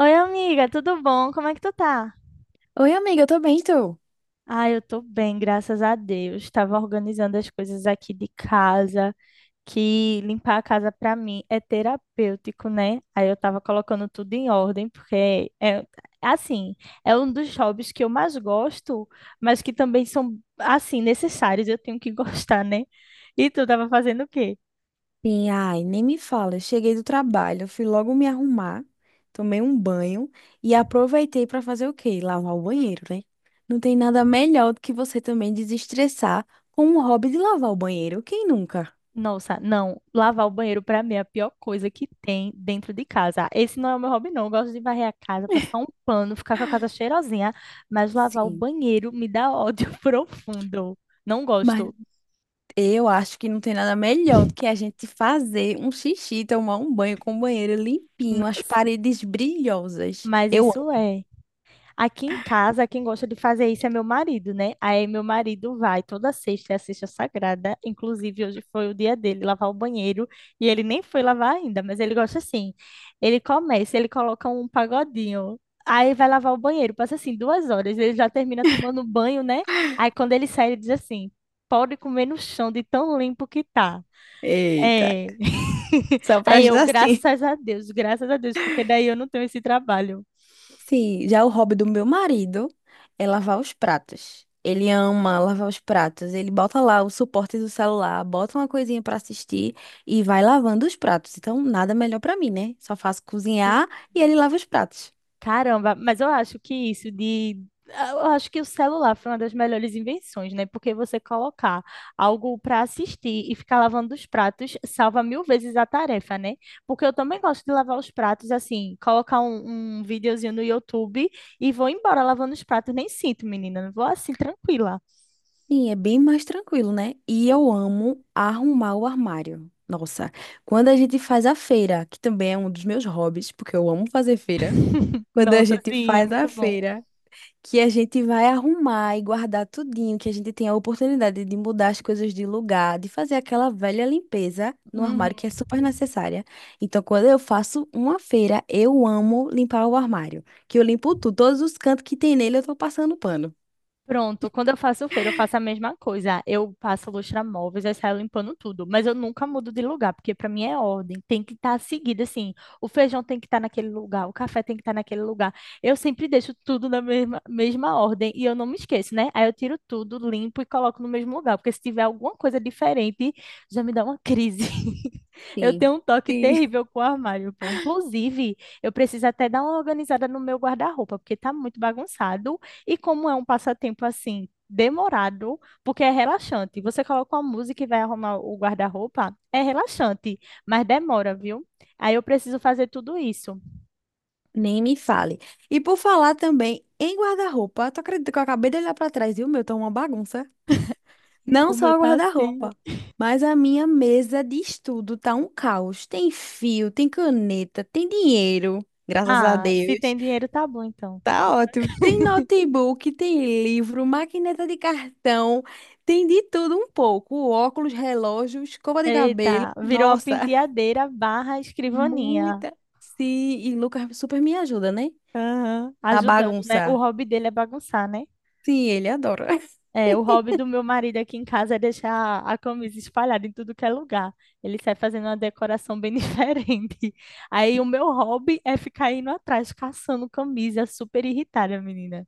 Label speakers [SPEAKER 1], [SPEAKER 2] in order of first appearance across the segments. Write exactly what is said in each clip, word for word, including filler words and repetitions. [SPEAKER 1] Oi, amiga, tudo bom? Como é que tu tá?
[SPEAKER 2] Oi, amiga, eu tô bem, tu?
[SPEAKER 1] Ah, eu tô bem, graças a Deus. Tava organizando as coisas aqui de casa, que limpar a casa pra mim é terapêutico, né? Aí eu tava colocando tudo em ordem, porque é assim, é um dos hobbies que eu mais gosto, mas que também são assim necessários, eu tenho que gostar, né? E tu tava fazendo o quê?
[SPEAKER 2] Sim, ai, nem me fala. Eu cheguei do trabalho, fui logo me arrumar, tomei um banho e aproveitei para fazer o quê? Lavar o banheiro, né? Não tem nada melhor do que você também desestressar com um hobby de lavar o banheiro. Quem nunca?
[SPEAKER 1] Nossa, não. Lavar o banheiro pra mim é a pior coisa que tem dentro de casa. Esse não é o meu hobby, não. Eu gosto de varrer a casa, passar um pano, ficar com a casa cheirosinha, mas lavar o
[SPEAKER 2] Sim.
[SPEAKER 1] banheiro me dá ódio profundo. Não
[SPEAKER 2] Mas
[SPEAKER 1] gosto.
[SPEAKER 2] eu acho que não tem nada melhor do que a gente fazer um xixi, tomar um banho com o banheiro limpinho, as
[SPEAKER 1] Nossa,
[SPEAKER 2] paredes brilhosas.
[SPEAKER 1] mas
[SPEAKER 2] Eu
[SPEAKER 1] isso
[SPEAKER 2] amo.
[SPEAKER 1] é. Aqui em casa, quem gosta de fazer isso é meu marido, né? Aí meu marido vai toda sexta, é a sexta sagrada. Inclusive, hoje foi o dia dele lavar o banheiro e ele nem foi lavar ainda, mas ele gosta assim. Ele começa, ele coloca um pagodinho. Aí vai lavar o banheiro, passa assim duas horas, ele já termina tomando banho, né? Aí quando ele sai, ele diz assim: pode comer no chão de tão limpo que tá.
[SPEAKER 2] Eita,
[SPEAKER 1] É.
[SPEAKER 2] só pra
[SPEAKER 1] Aí eu,
[SPEAKER 2] ajudar sim.
[SPEAKER 1] graças a Deus, graças a Deus, porque daí eu não tenho esse trabalho.
[SPEAKER 2] Sim, já é o hobby do meu marido é lavar os pratos. Ele ama lavar os pratos. Ele bota lá o suporte do celular, bota uma coisinha pra assistir e vai lavando os pratos. Então, nada melhor pra mim, né? Só faço cozinhar e ele lava os pratos.
[SPEAKER 1] Caramba, mas eu acho que isso de. Eu acho que o celular foi uma das melhores invenções, né? Porque você colocar algo para assistir e ficar lavando os pratos salva mil vezes a tarefa, né? Porque eu também gosto de lavar os pratos assim, colocar um, um videozinho no YouTube e vou embora lavando os pratos. Nem sinto, menina, vou assim, tranquila.
[SPEAKER 2] Sim, é bem mais tranquilo, né? E eu amo arrumar o armário. Nossa, quando a gente faz a feira, que também é um dos meus hobbies, porque eu amo fazer feira. Quando a
[SPEAKER 1] Nossa,
[SPEAKER 2] gente
[SPEAKER 1] sim, é
[SPEAKER 2] faz a
[SPEAKER 1] muito bom.
[SPEAKER 2] feira, que a gente vai arrumar e guardar tudinho, que a gente tem a oportunidade de mudar as coisas de lugar, de fazer aquela velha limpeza no armário
[SPEAKER 1] Uhum.
[SPEAKER 2] que é super necessária. Então, quando eu faço uma feira, eu amo limpar o armário, que eu limpo tudo, todos os cantos que tem nele eu tô passando pano.
[SPEAKER 1] Pronto, quando eu faço feira, eu faço a mesma coisa. Eu passo lustramóveis, aí saio limpando tudo. Mas eu nunca mudo de lugar, porque para mim é ordem. Tem que estar seguido, assim. O feijão tem que estar naquele lugar, o café tem que estar naquele lugar. Eu sempre deixo tudo na mesma, mesma ordem e eu não me esqueço, né? Aí eu tiro tudo, limpo e coloco no mesmo lugar, porque se tiver alguma coisa diferente, já me dá uma crise. Eu
[SPEAKER 2] Sim.
[SPEAKER 1] tenho um toque
[SPEAKER 2] Sim.
[SPEAKER 1] terrível com o armário, pô. Inclusive, eu preciso até dar uma organizada no meu guarda-roupa, porque tá muito bagunçado. E como é um passatempo assim, demorado, porque é relaxante. Você coloca uma música e vai arrumar o guarda-roupa, é relaxante, mas demora, viu? Aí eu preciso fazer tudo isso.
[SPEAKER 2] Nem me fale. E por falar também em guarda-roupa, tu acredita que eu acabei de olhar pra trás e o meu tá uma bagunça?
[SPEAKER 1] Então,
[SPEAKER 2] Não
[SPEAKER 1] o meu
[SPEAKER 2] só o
[SPEAKER 1] tá assim.
[SPEAKER 2] guarda-roupa, mas a minha mesa de estudo tá um caos. Tem fio, tem caneta, tem dinheiro, graças a
[SPEAKER 1] Ah, se
[SPEAKER 2] Deus.
[SPEAKER 1] tem dinheiro, tá bom, então.
[SPEAKER 2] Tá ótimo. Tem notebook, tem livro, maquineta de cartão, tem de tudo um pouco. Óculos, relógio, escova de cabelo.
[SPEAKER 1] Eita, virou uma
[SPEAKER 2] Nossa,
[SPEAKER 1] penteadeira barra escrivaninha.
[SPEAKER 2] muita. Sim, e Lucas super me ajuda, né?
[SPEAKER 1] Aham,
[SPEAKER 2] A
[SPEAKER 1] ajudando, né? O
[SPEAKER 2] bagunça.
[SPEAKER 1] hobby dele é bagunçar, né?
[SPEAKER 2] Sim, ele adora.
[SPEAKER 1] É, o hobby do meu marido aqui em casa é deixar a camisa espalhada em tudo que é lugar. Ele sai fazendo uma decoração bem diferente. Aí o meu hobby é ficar indo atrás, caçando camisa, super irritada, menina.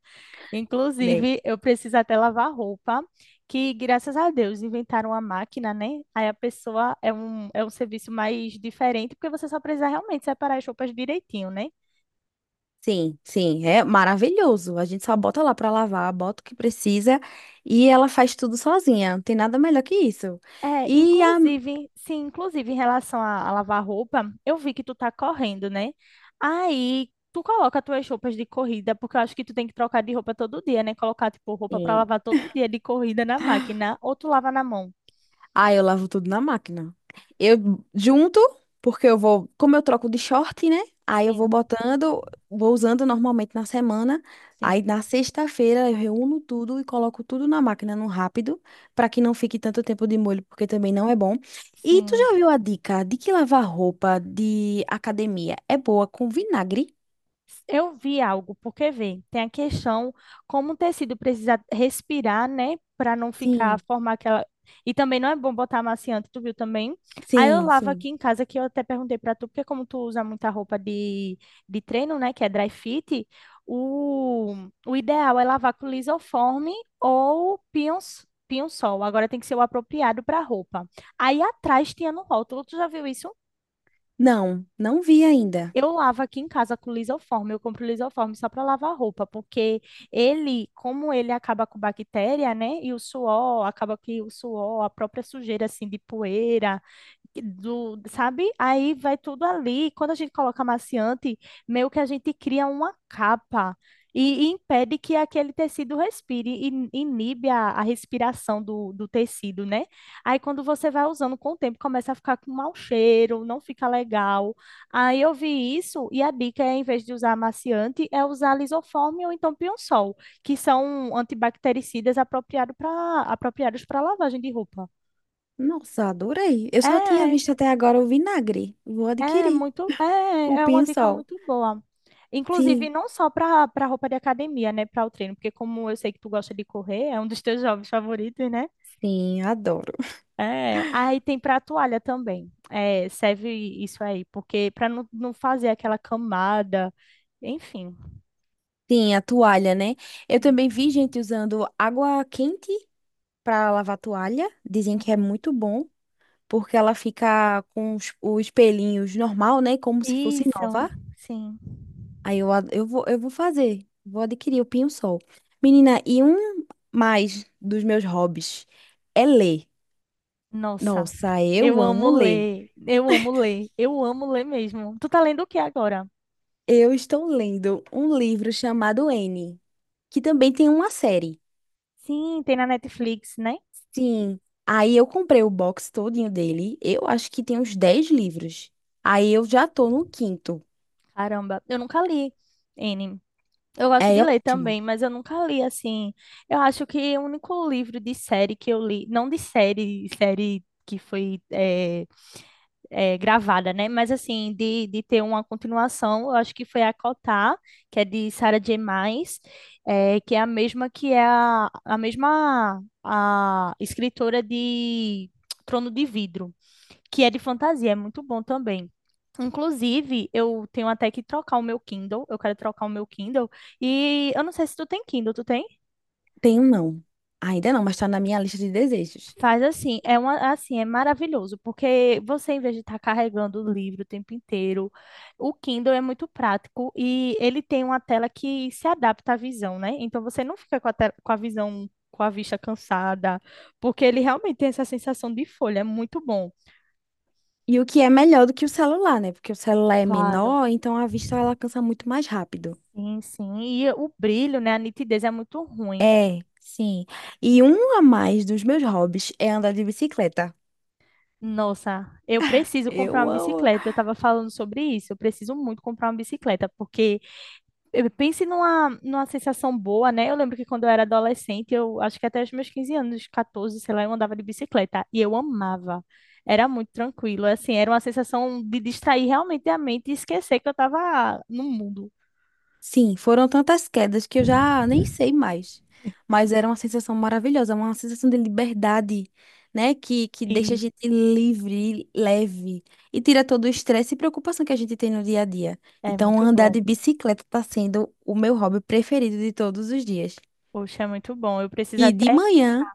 [SPEAKER 2] Né?
[SPEAKER 1] Inclusive, eu preciso até lavar roupa, que graças a Deus inventaram a máquina, né? Aí a pessoa é um, é um serviço mais diferente, porque você só precisa realmente separar as roupas direitinho, né?
[SPEAKER 2] Sim, sim, é maravilhoso. A gente só bota lá pra lavar, bota o que precisa e ela faz tudo sozinha. Não tem nada melhor que isso.
[SPEAKER 1] É,
[SPEAKER 2] E a,
[SPEAKER 1] inclusive, sim, inclusive em relação a, a lavar roupa, eu vi que tu tá correndo, né? Aí tu coloca tuas roupas de corrida, porque eu acho que tu tem que trocar de roupa todo dia, né? Colocar, tipo, roupa pra
[SPEAKER 2] sim.
[SPEAKER 1] lavar todo dia de corrida na máquina, ou tu lava na mão.
[SPEAKER 2] Ah, eu lavo tudo na máquina. Eu junto, porque eu vou, como eu troco de short, né? Aí eu vou
[SPEAKER 1] Sim,
[SPEAKER 2] botando, vou usando normalmente na semana. Aí
[SPEAKER 1] sim,
[SPEAKER 2] na sexta-feira eu reúno tudo e coloco tudo na máquina no rápido, para que não fique tanto tempo de molho, porque também não é bom. E tu
[SPEAKER 1] sim.
[SPEAKER 2] já viu a dica de que lavar roupa de academia é boa com vinagre?
[SPEAKER 1] Eu vi algo, porque vê, tem a questão como o tecido precisa respirar, né, para não ficar,
[SPEAKER 2] Sim,
[SPEAKER 1] formar aquela. E também não é bom botar amaciante, tu viu também? Aí eu
[SPEAKER 2] sim,
[SPEAKER 1] lavo
[SPEAKER 2] sim.
[SPEAKER 1] aqui em casa, que eu até perguntei para tu, porque como tu usa muita roupa de, de treino, né, que é dry fit, o, o ideal é lavar com lisoforme ou pinhos, pinho-sol. Agora tem que ser o apropriado para roupa. Aí atrás tinha no rótulo, tu já viu isso?
[SPEAKER 2] Não, não vi ainda.
[SPEAKER 1] Eu lavo aqui em casa com lisoforme, eu compro lisoforme só para lavar roupa, porque ele, como ele acaba com bactéria, né? E o suor, acaba que o suor, a própria sujeira assim de poeira, do, sabe? Aí vai tudo ali. Quando a gente coloca amaciante, meio que a gente cria uma capa e, e impede que aquele tecido respire, e inibe a, a respiração do, do tecido, né? Aí quando você vai usando com o tempo, começa a ficar com mau cheiro, não fica legal. Aí eu vi isso, e a dica é, em vez de usar amaciante, é usar lisoforme ou então pião-sol, que são antibactericidas apropriado pra, apropriados para lavagem de roupa.
[SPEAKER 2] Nossa, adorei. Eu só tinha
[SPEAKER 1] É,
[SPEAKER 2] visto até agora o vinagre. Vou
[SPEAKER 1] É
[SPEAKER 2] adquirir.
[SPEAKER 1] muito,
[SPEAKER 2] O
[SPEAKER 1] é, é uma dica
[SPEAKER 2] pinhão-sol.
[SPEAKER 1] muito boa. Inclusive,
[SPEAKER 2] Sim,
[SPEAKER 1] não só para para roupa de academia, né, para o treino, porque como eu sei que tu gosta de correr, é um dos teus jogos favoritos, né?
[SPEAKER 2] sim, adoro.
[SPEAKER 1] É, aí tem para toalha também. É, serve isso aí, porque para não, não fazer aquela camada, enfim.
[SPEAKER 2] Sim, a toalha, né? Eu também vi gente usando água quente para lavar a toalha. Dizem que é muito bom, porque ela fica com os, os pelinhos normal, né? Como se fosse
[SPEAKER 1] Isso,
[SPEAKER 2] nova.
[SPEAKER 1] sim.
[SPEAKER 2] Aí eu, ad- eu vou, eu vou fazer. Vou adquirir o pinho-sol. Menina, e um mais dos meus hobbies é ler.
[SPEAKER 1] Nossa,
[SPEAKER 2] Nossa,
[SPEAKER 1] eu
[SPEAKER 2] eu
[SPEAKER 1] amo
[SPEAKER 2] amo ler.
[SPEAKER 1] ler, eu amo ler, eu amo ler mesmo. Tu tá lendo o que agora?
[SPEAKER 2] Eu estou lendo um livro chamado N, que também tem uma série.
[SPEAKER 1] Sim, tem na Netflix, né?
[SPEAKER 2] Sim. Aí eu comprei o box todinho dele. Eu acho que tem uns dez livros. Aí eu já tô no quinto.
[SPEAKER 1] Caramba, eu nunca li. Eu gosto de
[SPEAKER 2] É
[SPEAKER 1] ler
[SPEAKER 2] ótimo.
[SPEAKER 1] também, mas eu nunca li assim. Eu acho que o único livro de série que eu li, não de série, série que foi eh, eh, gravada, né? Mas assim, de, de ter uma continuação, eu acho que foi a Cotar, que é de Sarah J. Maas, eh, que é a mesma que é a, a mesma a escritora de Trono de Vidro que é de fantasia, é muito bom também. Inclusive, eu tenho até que trocar o meu Kindle, eu quero trocar o meu Kindle, e eu não sei se tu tem Kindle, tu tem?
[SPEAKER 2] Tenho não. Ainda não, mas tá na minha lista de desejos.
[SPEAKER 1] Faz assim, é uma, assim, é maravilhoso, porque você, em vez de estar carregando o livro o tempo inteiro, o Kindle é muito prático e ele tem uma tela que se adapta à visão, né? Então você não fica com a, te- com a visão, com a vista cansada, porque ele realmente tem essa sensação de folha, é muito bom.
[SPEAKER 2] E o que é melhor do que o celular, né? Porque o celular é
[SPEAKER 1] Claro.
[SPEAKER 2] menor, então a vista ela cansa muito mais rápido.
[SPEAKER 1] Sim, sim. E o brilho, né? A nitidez é muito ruim.
[SPEAKER 2] É, sim. E um a mais dos meus hobbies é andar de bicicleta.
[SPEAKER 1] Nossa, eu preciso comprar
[SPEAKER 2] Eu
[SPEAKER 1] uma
[SPEAKER 2] amo.
[SPEAKER 1] bicicleta. Eu estava falando sobre isso. Eu preciso muito comprar uma bicicleta, porque eu pense numa, numa sensação boa, né? Eu lembro que quando eu era adolescente, eu acho que até os meus quinze anos, quatorze, sei lá, eu andava de bicicleta e eu amava. Era muito tranquilo, assim, era uma sensação de distrair realmente a mente e esquecer que eu estava no mundo.
[SPEAKER 2] Sim, foram tantas quedas que eu já nem sei mais. Mas era uma sensação maravilhosa, uma sensação de liberdade, né? Que, que deixa a
[SPEAKER 1] E
[SPEAKER 2] gente livre, leve e tira todo o estresse e preocupação que a gente tem no dia a dia.
[SPEAKER 1] é
[SPEAKER 2] Então,
[SPEAKER 1] muito
[SPEAKER 2] andar
[SPEAKER 1] bom.
[SPEAKER 2] de bicicleta está sendo o meu hobby preferido de todos os dias.
[SPEAKER 1] Poxa, é muito bom. Eu preciso
[SPEAKER 2] E de
[SPEAKER 1] até.
[SPEAKER 2] manhã,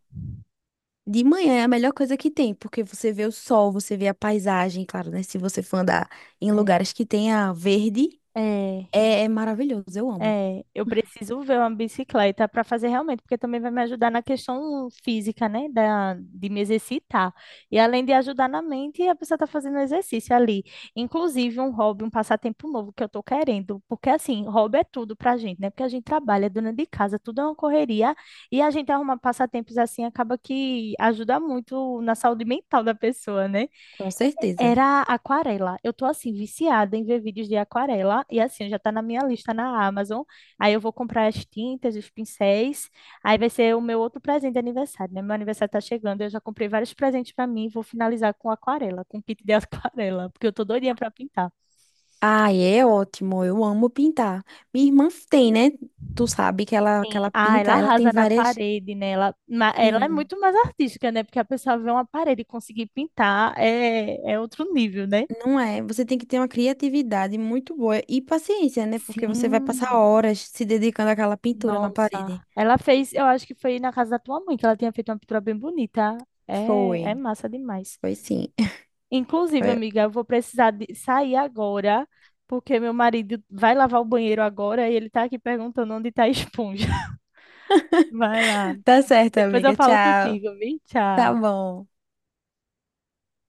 [SPEAKER 2] de manhã é a melhor coisa que tem, porque você vê o sol, você vê a paisagem, claro, né? Se você for andar em
[SPEAKER 1] É.
[SPEAKER 2] lugares que tenha verde,
[SPEAKER 1] É.
[SPEAKER 2] é é maravilhoso, eu amo,
[SPEAKER 1] É, eu preciso ver uma bicicleta para fazer realmente, porque também vai me ajudar na questão física, né, da, de me exercitar. E além de ajudar na mente, a pessoa está fazendo exercício ali. Inclusive um hobby, um passatempo novo que eu estou querendo, porque assim, hobby é tudo para a gente, né? Porque a gente trabalha, é dona de casa, tudo é uma correria, e a gente arrumar passatempos assim acaba que ajuda muito na saúde mental da pessoa, né?
[SPEAKER 2] com certeza.
[SPEAKER 1] Era aquarela. Eu tô assim, viciada em ver vídeos de aquarela. E assim, já tá na minha lista na Amazon. Aí eu vou comprar as tintas, os pincéis. Aí vai ser o meu outro presente de aniversário, né? Meu aniversário tá chegando. Eu já comprei vários presentes pra mim. Vou finalizar com aquarela, com kit de aquarela, porque eu tô doidinha pra pintar.
[SPEAKER 2] Ah, é ótimo, eu amo pintar. Minha irmã tem, né? Tu sabe que ela, que
[SPEAKER 1] Sim.
[SPEAKER 2] ela
[SPEAKER 1] Ah,
[SPEAKER 2] pinta,
[SPEAKER 1] ela
[SPEAKER 2] ela tem
[SPEAKER 1] arrasa na
[SPEAKER 2] várias.
[SPEAKER 1] parede, né? Ela, ma- ela é
[SPEAKER 2] Sim.
[SPEAKER 1] muito mais artística, né? Porque a pessoa vê uma parede e conseguir pintar é, é outro nível, né?
[SPEAKER 2] Não é? Você tem que ter uma criatividade muito boa e paciência, né? Porque você vai passar
[SPEAKER 1] Sim.
[SPEAKER 2] horas se dedicando àquela pintura na parede.
[SPEAKER 1] Nossa, ela fez, eu acho que foi na casa da tua mãe que ela tinha feito uma pintura bem bonita. É, é
[SPEAKER 2] Foi,
[SPEAKER 1] massa demais.
[SPEAKER 2] foi sim.
[SPEAKER 1] Inclusive, amiga, eu vou precisar de sair agora, porque meu marido vai lavar o banheiro agora e ele tá aqui perguntando onde tá a esponja. Vai lá.
[SPEAKER 2] Tá certo,
[SPEAKER 1] Depois eu
[SPEAKER 2] amiga.
[SPEAKER 1] falo
[SPEAKER 2] Tchau.
[SPEAKER 1] contigo, viu?
[SPEAKER 2] Tá
[SPEAKER 1] Tchau.
[SPEAKER 2] bom.